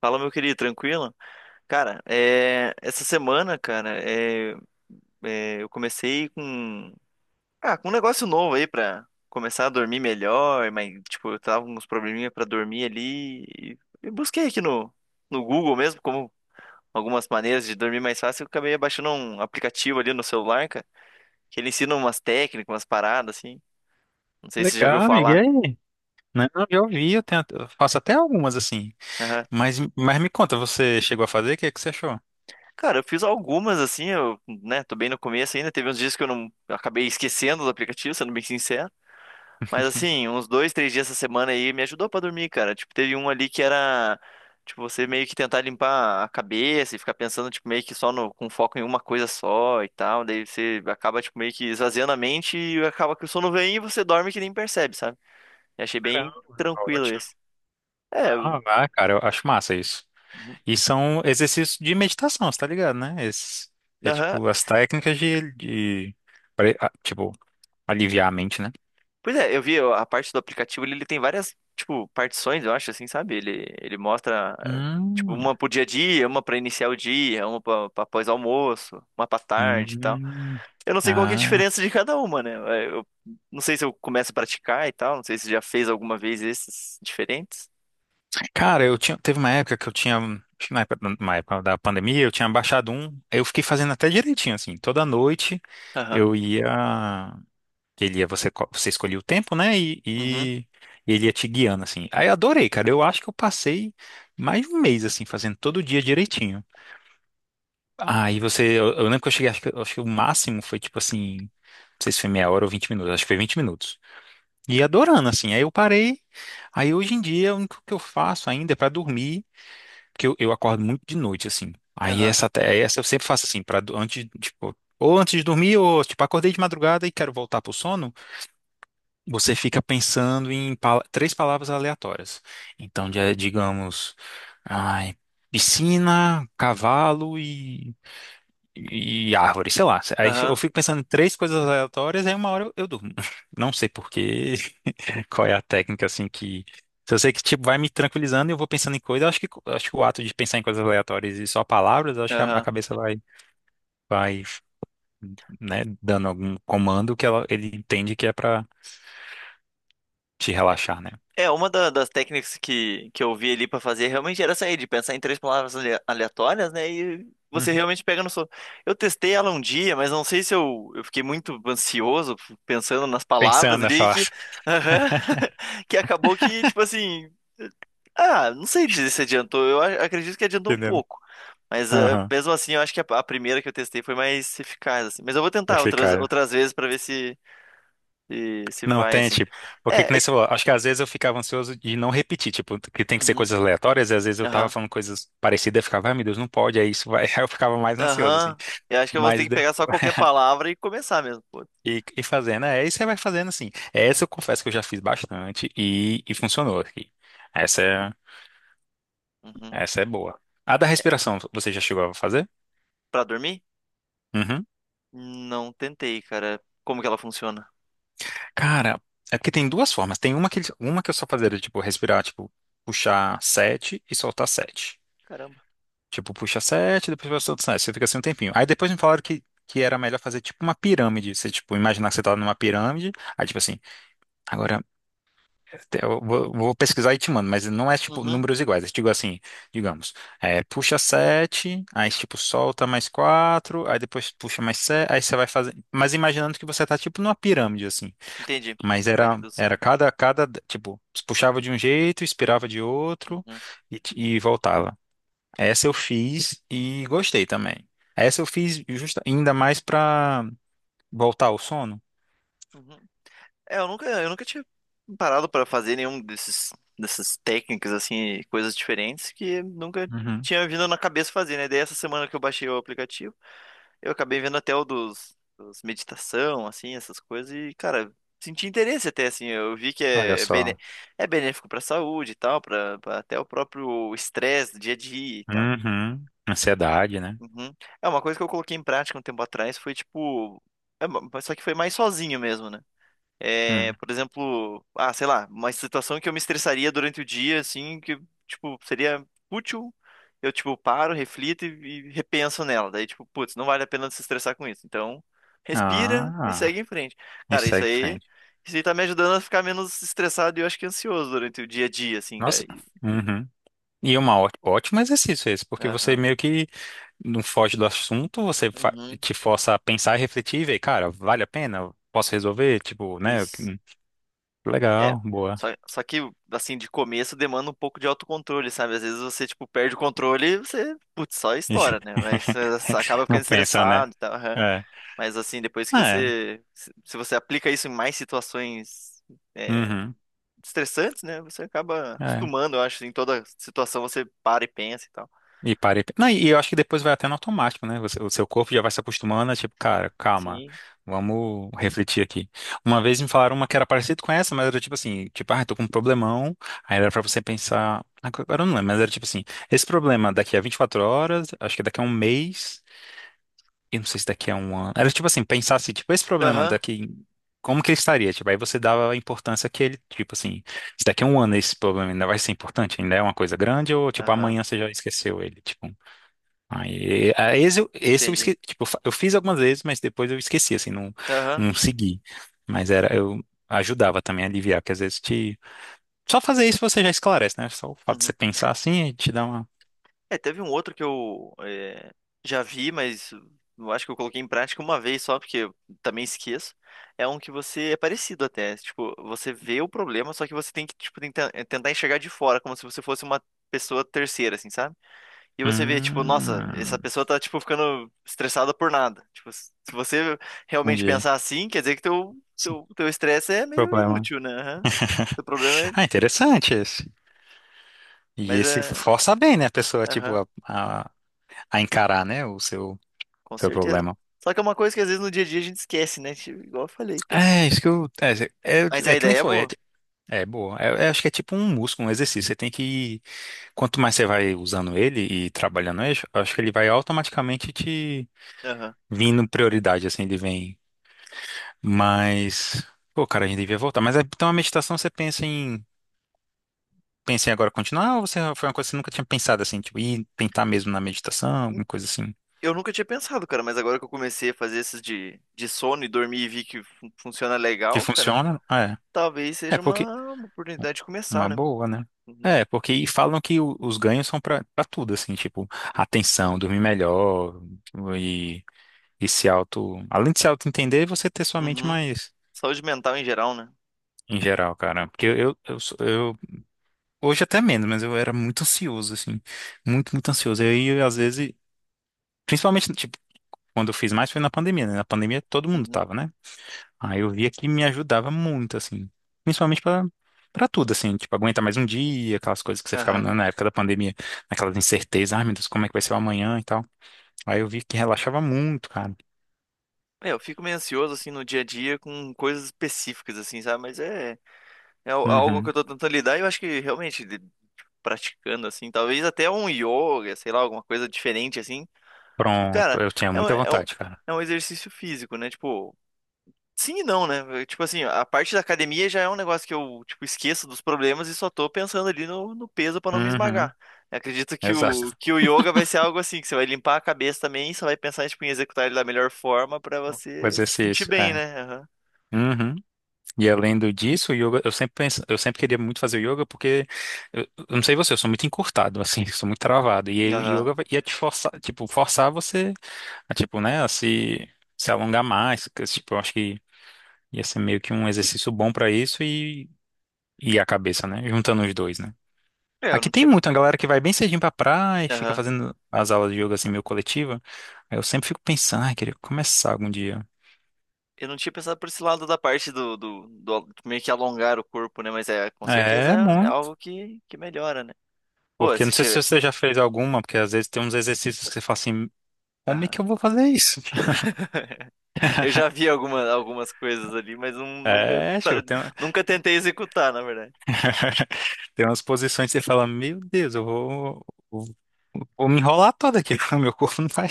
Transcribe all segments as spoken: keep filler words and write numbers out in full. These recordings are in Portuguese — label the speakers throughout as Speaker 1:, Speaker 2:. Speaker 1: Fala, meu querido, tranquilo? Cara, é, essa semana, cara, é, é, eu comecei com, ah, com um negócio novo aí pra começar a dormir melhor, mas, tipo, eu tava com uns probleminha pra dormir ali e, e busquei aqui no, no Google mesmo, como algumas maneiras de dormir mais fácil. Eu acabei baixando um aplicativo ali no celular, cara, que ele ensina umas técnicas, umas paradas, assim. Não sei se você já viu
Speaker 2: Legal, amiga. E
Speaker 1: falar.
Speaker 2: aí? Né? Não, eu vi, eu tenho, eu faço até algumas assim.
Speaker 1: Aham.
Speaker 2: Mas, mas me conta, você chegou a fazer? O que é que você achou?
Speaker 1: Cara, eu fiz algumas assim, eu, né, tô bem no começo ainda. Teve uns dias que eu não eu acabei esquecendo do aplicativo, sendo bem sincero. Mas assim, uns dois, três dias essa semana aí me ajudou pra dormir, cara. Tipo, teve um ali que era, tipo, você meio que tentar limpar a cabeça e ficar pensando, tipo, meio que só no, com foco em uma coisa só e tal. Daí você acaba, tipo, meio que esvaziando a mente e acaba que o sono vem e você dorme que nem percebe, sabe? Eu achei
Speaker 2: Caramba,
Speaker 1: bem tranquilo
Speaker 2: ótimo.
Speaker 1: esse. É, eu-
Speaker 2: Ah, ah, cara, eu acho massa isso. E são exercícios de meditação, você tá ligado, né? Esses, é
Speaker 1: aham.
Speaker 2: tipo as técnicas de, de pare- ah, tipo, aliviar a mente, né?
Speaker 1: Pois é, eu vi a parte do aplicativo, ele, ele tem várias, tipo, partições, eu acho, assim, sabe? Ele, ele mostra, eh, tipo,
Speaker 2: Hum,
Speaker 1: uma pro dia a dia, uma pra iniciar o dia, uma pra, pra pós-almoço, uma pra tarde e tal.
Speaker 2: hum.
Speaker 1: Eu não sei qual que é a
Speaker 2: Ah,
Speaker 1: diferença de cada uma, né? Eh, Eu não sei se eu começo a praticar e tal, não sei se você já fez alguma vez esses diferentes.
Speaker 2: cara, eu tinha, teve uma época que eu tinha, acho que na época, na época da pandemia, eu tinha baixado um, aí eu fiquei fazendo até direitinho, assim, toda noite
Speaker 1: Aham,
Speaker 2: eu ia, ele ia, você, co- você escolhia o tempo, né, e,
Speaker 1: uhum,
Speaker 2: e ele ia te guiando, assim. Aí eu adorei, cara, eu acho que eu passei mais de um mês, assim, fazendo todo dia direitinho. Aí você, eu, eu lembro que eu cheguei, acho que, acho que o máximo foi, tipo assim, não sei se foi meia hora ou vinte minutos, acho que foi vinte minutos. E adorando, assim, aí eu parei, aí hoje em dia, o único que eu faço ainda é pra dormir, porque eu, eu acordo muito de noite, assim. Aí
Speaker 1: aham,
Speaker 2: essa, até- essa eu sempre faço assim, para antes, tipo, ou antes de dormir, ou tipo, acordei de madrugada e quero voltar pro sono, você fica pensando em pala- três palavras aleatórias. Então, já, é, digamos, ai, piscina, cavalo e, e árvore, sei lá. Aí eu
Speaker 1: aham,
Speaker 2: fico pensando em três coisas aleatórias, aí uma hora eu, eu durmo. Não sei por quê. Qual é a técnica, assim, que. Se eu sei que, tipo, vai me tranquilizando e eu vou pensando em coisas, eu acho que, eu acho que o ato de pensar em coisas aleatórias e só palavras, eu acho que a, a
Speaker 1: aham.
Speaker 2: cabeça vai, vai, né, dando algum comando que ela, ele entende que é pra te relaxar, né?
Speaker 1: É, uma da- das técnicas que, que eu vi ali pra fazer realmente era essa aí, de pensar em três palavras ale- aleatórias, né? E você
Speaker 2: Uhum.
Speaker 1: realmente pega no sono. Eu testei ela um dia, mas não sei se eu, eu fiquei muito ansioso f- pensando nas palavras
Speaker 2: Pensando
Speaker 1: ali
Speaker 2: nessa.
Speaker 1: que... Aham. Que acabou que, tipo assim, ah, não sei dizer se adiantou. Eu a- acredito que adiantou um
Speaker 2: Entendendo?
Speaker 1: pouco. Mas ah,
Speaker 2: Aham.
Speaker 1: mesmo assim, eu acho que a, a primeira que eu testei foi mais eficaz, assim. Mas eu vou tentar
Speaker 2: Achei,
Speaker 1: outras,
Speaker 2: cara.
Speaker 1: outras vezes pra ver se, se, se
Speaker 2: Não,
Speaker 1: vai,
Speaker 2: tem,
Speaker 1: assim.
Speaker 2: tipo. Porque
Speaker 1: É,
Speaker 2: que nem
Speaker 1: é...
Speaker 2: você falou, acho que às vezes eu ficava ansioso de não repetir, tipo, que tem que ser
Speaker 1: Uhum,
Speaker 2: coisas aleatórias, e às vezes eu tava
Speaker 1: aham.
Speaker 2: falando coisas parecidas, eu ficava, ai meu Deus, não pode, é isso, vai. Aí eu ficava mais ansioso, assim.
Speaker 1: Aham. Eu acho que eu vou ter
Speaker 2: Mas
Speaker 1: que pegar
Speaker 2: depois.
Speaker 1: só qualquer palavra e começar mesmo. Pô.
Speaker 2: E, e fazendo, é, e você vai fazendo assim. Essa eu confesso que eu já fiz bastante e, e funcionou aqui. Essa é,
Speaker 1: Uhum.
Speaker 2: essa é boa. A da respiração, você já chegou a fazer?
Speaker 1: Pra dormir?
Speaker 2: Uhum.
Speaker 1: Não tentei, cara. Como que ela funciona?
Speaker 2: Cara, é porque tem duas formas. Tem uma que, uma que eu só fazia, era, tipo, respirar, tipo, puxar sete e soltar sete.
Speaker 1: Caramba.
Speaker 2: Tipo, puxa sete, depois solta sete. Você fica assim um tempinho. Aí depois me falaram que, que era melhor fazer, tipo, uma pirâmide. Você, tipo, imaginar que você tá numa pirâmide. Aí, tipo assim, agora. Eu vou, vou pesquisar e te mando, mas não é tipo
Speaker 1: Uhum.
Speaker 2: números iguais. Eu digo assim, digamos, é, puxa sete aí tipo solta mais quatro aí depois puxa mais sete aí você vai fazer. Mas imaginando que você tá tipo numa pirâmide assim.
Speaker 1: Entendi.
Speaker 2: Mas
Speaker 1: Vai
Speaker 2: era, era
Speaker 1: reduzindo.
Speaker 2: cada, cada, tipo, puxava de um jeito, expirava de outro
Speaker 1: Uhum.
Speaker 2: e, t- e voltava. Essa eu fiz e gostei também. Essa eu fiz justa, ainda mais pra voltar ao sono.
Speaker 1: Uhum. É, eu nunca, eu nunca tinha parado pra fazer nenhum desses, dessas técnicas, assim, coisas diferentes que nunca
Speaker 2: Uhum.
Speaker 1: tinha vindo na cabeça fazer, né? Daí essa semana que eu baixei o aplicativo. Eu acabei vendo até o dos, dos meditação, assim, essas coisas, e, cara, senti interesse até, assim, eu vi que
Speaker 2: Olha
Speaker 1: é, bene,
Speaker 2: só.
Speaker 1: é benéfico pra saúde e tal, pra, pra até o próprio estresse do dia a dia e tal.
Speaker 2: Uhum. Ansiedade, né?
Speaker 1: Uhum. É uma coisa que eu coloquei em prática um tempo atrás, foi tipo... é, ma- só que foi mais sozinho mesmo, né? É,
Speaker 2: Hum.
Speaker 1: por exemplo, ah, sei lá, uma situação que eu me estressaria durante o dia, assim, que, tipo, seria útil. Eu, tipo, paro, reflito e, e repenso nela. Daí, tipo, putz, não vale a pena se estressar com isso. Então, respira e
Speaker 2: Ah,
Speaker 1: segue em frente.
Speaker 2: e
Speaker 1: Cara,
Speaker 2: segue
Speaker 1: isso
Speaker 2: em
Speaker 1: aí,
Speaker 2: frente.
Speaker 1: isso aí tá me ajudando a ficar menos estressado e eu acho que ansioso durante o dia a dia, assim, cara.
Speaker 2: Nossa.
Speaker 1: E-
Speaker 2: Uhum. E é um ó- ótimo exercício esse, porque você
Speaker 1: Aham.
Speaker 2: meio que não foge do assunto, você fa-
Speaker 1: Uhum.
Speaker 2: te força a pensar e refletir e ver, cara, vale a pena? Eu posso resolver? Tipo, né? eu-
Speaker 1: Isso.
Speaker 2: hum,
Speaker 1: É,
Speaker 2: legal, boa.
Speaker 1: só, só que, assim, de começo demanda um pouco de autocontrole, sabe? Às vezes você, tipo, perde o controle e você, putz, só estoura, né? Mas eh, você acaba
Speaker 2: Não
Speaker 1: ficando
Speaker 2: pensa, né?
Speaker 1: estressado e tal. Aham.
Speaker 2: É.
Speaker 1: Mas, assim, depois que
Speaker 2: É.
Speaker 1: você... Se se você aplica isso em mais situações é,
Speaker 2: Uhum.
Speaker 1: estressantes, né? Você acaba
Speaker 2: É.
Speaker 1: acostumando, eu acho. Em toda situação você para e pensa e tal.
Speaker 2: E parei. Não, e eu acho que depois vai até no automático, né? Você- o seu corpo já vai se acostumando, é tipo, cara, calma,
Speaker 1: Sim.
Speaker 2: vamos refletir aqui. Uma vez me falaram uma que era parecida com essa, mas era tipo assim, tipo, ah, tô com um problemão. Aí era pra você pensar. Agora eu não lembro, mas era tipo assim, esse problema é daqui a vinte e quatro horas, acho que é daqui a um mês, e não sei se daqui a um ano. Era tipo assim, pensar assim, tipo, esse problema é
Speaker 1: Aham,
Speaker 2: daqui. Como que ele estaria? Tipo, aí você dava a importância que ele, tipo assim, se daqui a um ano esse problema ainda vai ser importante, ainda é uma coisa grande, ou tipo,
Speaker 1: aham,
Speaker 2: amanhã você já esqueceu ele, tipo. Aí, aí esse, eu- esse eu
Speaker 1: entendi.
Speaker 2: esqueci, tipo, eu fa- eu fiz algumas vezes, mas depois eu esqueci, assim, não,
Speaker 1: Aham,
Speaker 2: não segui. Mas era, eu ajudava também a aliviar, porque às vezes te... Só fazer isso você já esclarece, né? Só o fato de você
Speaker 1: uhum.
Speaker 2: pensar assim e te dá uma...
Speaker 1: É, teve um outro que eu é, já vi, mas eu acho que eu coloquei em prática uma vez só, porque eu também esqueço. É um que você é parecido até. Tipo, você vê o problema, só que você tem que, tipo, tenta- eh, tentar enxergar de fora, como se você fosse uma pessoa terceira, assim, sabe? E você vê, tipo, nossa, essa
Speaker 2: Hum,
Speaker 1: pessoa tá, tipo, ficando estressada por nada. Tipo, se você realmente
Speaker 2: entendi.
Speaker 1: pensar assim, quer dizer que teu,
Speaker 2: Sim,
Speaker 1: teu, teu estresse é meio
Speaker 2: problema.
Speaker 1: inútil, né? Aham. Teu problema é.
Speaker 2: Ah, interessante esse. E
Speaker 1: Mas
Speaker 2: esse
Speaker 1: é.
Speaker 2: força bem, né, a pessoa, tipo,
Speaker 1: Aham.
Speaker 2: a, a, a encarar, né, o seu,
Speaker 1: Com
Speaker 2: seu
Speaker 1: certeza.
Speaker 2: problema.
Speaker 1: Só que é uma coisa que às vezes no dia a dia a gente esquece, né? Tipo, igual eu falei, cara.
Speaker 2: É, isso que eu... É, é,
Speaker 1: Mas a
Speaker 2: é que nem
Speaker 1: ideia é
Speaker 2: foi, é,
Speaker 1: boa.
Speaker 2: é boa. É, é, acho que é tipo um músculo, um exercício. Você tem que ir quanto mais você vai usando ele e trabalhando ele, acho que ele vai automaticamente te
Speaker 1: Aham.
Speaker 2: vindo prioridade, assim, ele vem. Mas, pô, cara, a gente devia voltar. Mas é- então a meditação você pensa em. Pensa em agora continuar ou você foi uma coisa que você nunca tinha pensado assim, tipo, ir tentar mesmo na meditação, alguma coisa assim?
Speaker 1: Eu nunca tinha pensado, cara, mas agora que eu comecei a fazer esses de, de sono e dormir e vi que fun- funciona
Speaker 2: Que
Speaker 1: legal, cara,
Speaker 2: funciona? Ah,
Speaker 1: talvez
Speaker 2: é, é
Speaker 1: seja
Speaker 2: porque.
Speaker 1: uma, uma oportunidade de
Speaker 2: Uma
Speaker 1: começar, né?
Speaker 2: boa, né?
Speaker 1: Uhum.
Speaker 2: É, porque e falam que o- os ganhos são pra pra tudo, assim, tipo, atenção, dormir melhor e, e se auto. Além de se auto-entender, você ter sua mente
Speaker 1: Uhum.
Speaker 2: mais.
Speaker 1: Saúde mental em geral, né?
Speaker 2: Em geral, cara. Porque eu, eu, sou- eu- hoje até menos, mas eu era muito ansioso, assim. Muito, muito ansioso. E aí, às vezes, principalmente, tipo, quando eu fiz mais foi na pandemia, né? Na pandemia todo mundo
Speaker 1: Uhum.
Speaker 2: tava, né? Aí eu via que me ajudava muito, assim. Principalmente pra, pra tudo, assim. Tipo, aguentar mais um dia, aquelas coisas que você ficava
Speaker 1: Aham.
Speaker 2: na na época da pandemia, naquelas incertezas, ai meu Deus, como é que vai ser o amanhã e tal. Aí eu vi que relaxava muito, cara.
Speaker 1: É, eu fico meio ansioso, assim, no dia a dia com coisas específicas, assim, sabe? Mas é, é al- algo que
Speaker 2: Uhum.
Speaker 1: eu tô tentando lidar e eu acho que realmente de- praticando, assim, talvez até um yoga, sei lá, alguma coisa diferente, assim. E,
Speaker 2: Pronto,
Speaker 1: cara,
Speaker 2: eu tinha
Speaker 1: é um,
Speaker 2: muita
Speaker 1: é um,
Speaker 2: vontade, cara.
Speaker 1: é um exercício físico, né? Tipo, sim e não, né? Tipo assim, a parte da academia já é um negócio que eu, tipo, esqueço dos problemas e só tô pensando ali no, no peso pra não me
Speaker 2: Uhum.
Speaker 1: esmagar. Eu acredito que
Speaker 2: Exato.
Speaker 1: o, que o yoga vai ser algo assim, que você vai limpar a cabeça também e só vai pensar, tipo, em executar ele da melhor forma pra
Speaker 2: O
Speaker 1: você se sentir
Speaker 2: exercício,
Speaker 1: bem,
Speaker 2: é.
Speaker 1: né? Aham.
Speaker 2: Uhum. E além do disso, o yoga, eu sempre penso, eu sempre queria muito fazer yoga porque eu, eu não sei você, eu sou muito encurtado, assim, sou muito travado. E aí o
Speaker 1: Aham.
Speaker 2: yoga vai- ia te forçar, tipo, forçar você a, tipo, né, a se, se alongar mais. Que, tipo, eu acho que ia ser meio que um exercício bom pra isso e, e a cabeça, né? Juntando os dois, né?
Speaker 1: É, eu
Speaker 2: Aqui
Speaker 1: não
Speaker 2: tem
Speaker 1: tinha.
Speaker 2: muito, a galera que vai bem cedinho pra praia e fica
Speaker 1: Aham.
Speaker 2: fazendo as aulas de yoga assim meio coletiva. Aí eu sempre fico pensando, ai, queria começar algum dia.
Speaker 1: Eu não tinha pensado por esse lado da parte do, do, do meio que alongar o corpo, né? Mas é, com certeza
Speaker 2: É,
Speaker 1: é é algo que, que melhora, né? Pô,
Speaker 2: porque
Speaker 1: se
Speaker 2: não sei se
Speaker 1: tiver.
Speaker 2: você já fez alguma, porque às vezes tem uns exercícios que você fala assim, como é que eu vou fazer isso?
Speaker 1: Eu já vi alguma, algumas coisas ali, mas não, nunca,
Speaker 2: É,
Speaker 1: pra-
Speaker 2: tipo, tem, uma-
Speaker 1: nunca tentei executar, na verdade.
Speaker 2: tem umas posições que você fala, meu Deus, eu vou, vou, vou me enrolar toda aqui, meu corpo não vai.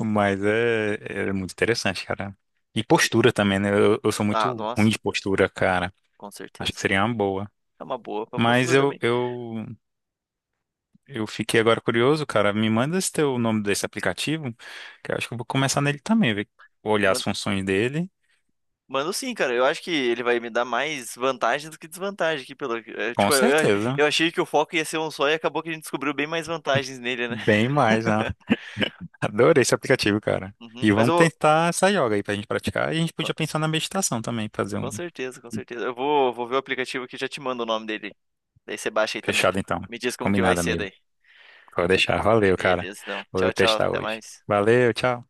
Speaker 2: Mas é, é muito interessante, cara. E
Speaker 1: E-
Speaker 2: postura também, né? Eu, eu sou
Speaker 1: Ah,
Speaker 2: muito ruim
Speaker 1: nossa,
Speaker 2: de postura, cara.
Speaker 1: com
Speaker 2: Acho que
Speaker 1: certeza.
Speaker 2: seria uma boa.
Speaker 1: É uma boa pra
Speaker 2: Mas
Speaker 1: postura
Speaker 2: eu,
Speaker 1: também.
Speaker 2: eu, eu fiquei agora curioso, cara. Me manda esse teu nome desse aplicativo, que eu acho que eu vou começar nele também, ver, olhar
Speaker 1: Man-
Speaker 2: as funções dele.
Speaker 1: Mando, sim, cara. Eu acho que ele vai me dar mais vantagem do que desvantagem aqui pelo... é,
Speaker 2: Com
Speaker 1: tipo, eu,
Speaker 2: certeza.
Speaker 1: eu achei que o foco ia ser um só e acabou que a gente descobriu bem mais vantagens nele, né?
Speaker 2: Bem mais, né? Adorei esse aplicativo, cara.
Speaker 1: Uhum.
Speaker 2: E
Speaker 1: Mas
Speaker 2: vamos
Speaker 1: eu vou.
Speaker 2: tentar essa yoga aí pra gente praticar. E a gente
Speaker 1: Com
Speaker 2: podia pensar na meditação também, fazer um
Speaker 1: com certeza, com certeza. Eu vou, vou ver o aplicativo aqui e já te mando o nome dele. Daí você baixa aí também.
Speaker 2: fechado então.
Speaker 1: Me diz como que vai
Speaker 2: Combinada
Speaker 1: ser
Speaker 2: mesmo.
Speaker 1: daí.
Speaker 2: Vou deixar. Valeu, cara.
Speaker 1: Beleza, então.
Speaker 2: Vou
Speaker 1: Tchau, tchau.
Speaker 2: testar
Speaker 1: Até
Speaker 2: hoje.
Speaker 1: mais.
Speaker 2: Valeu, tchau.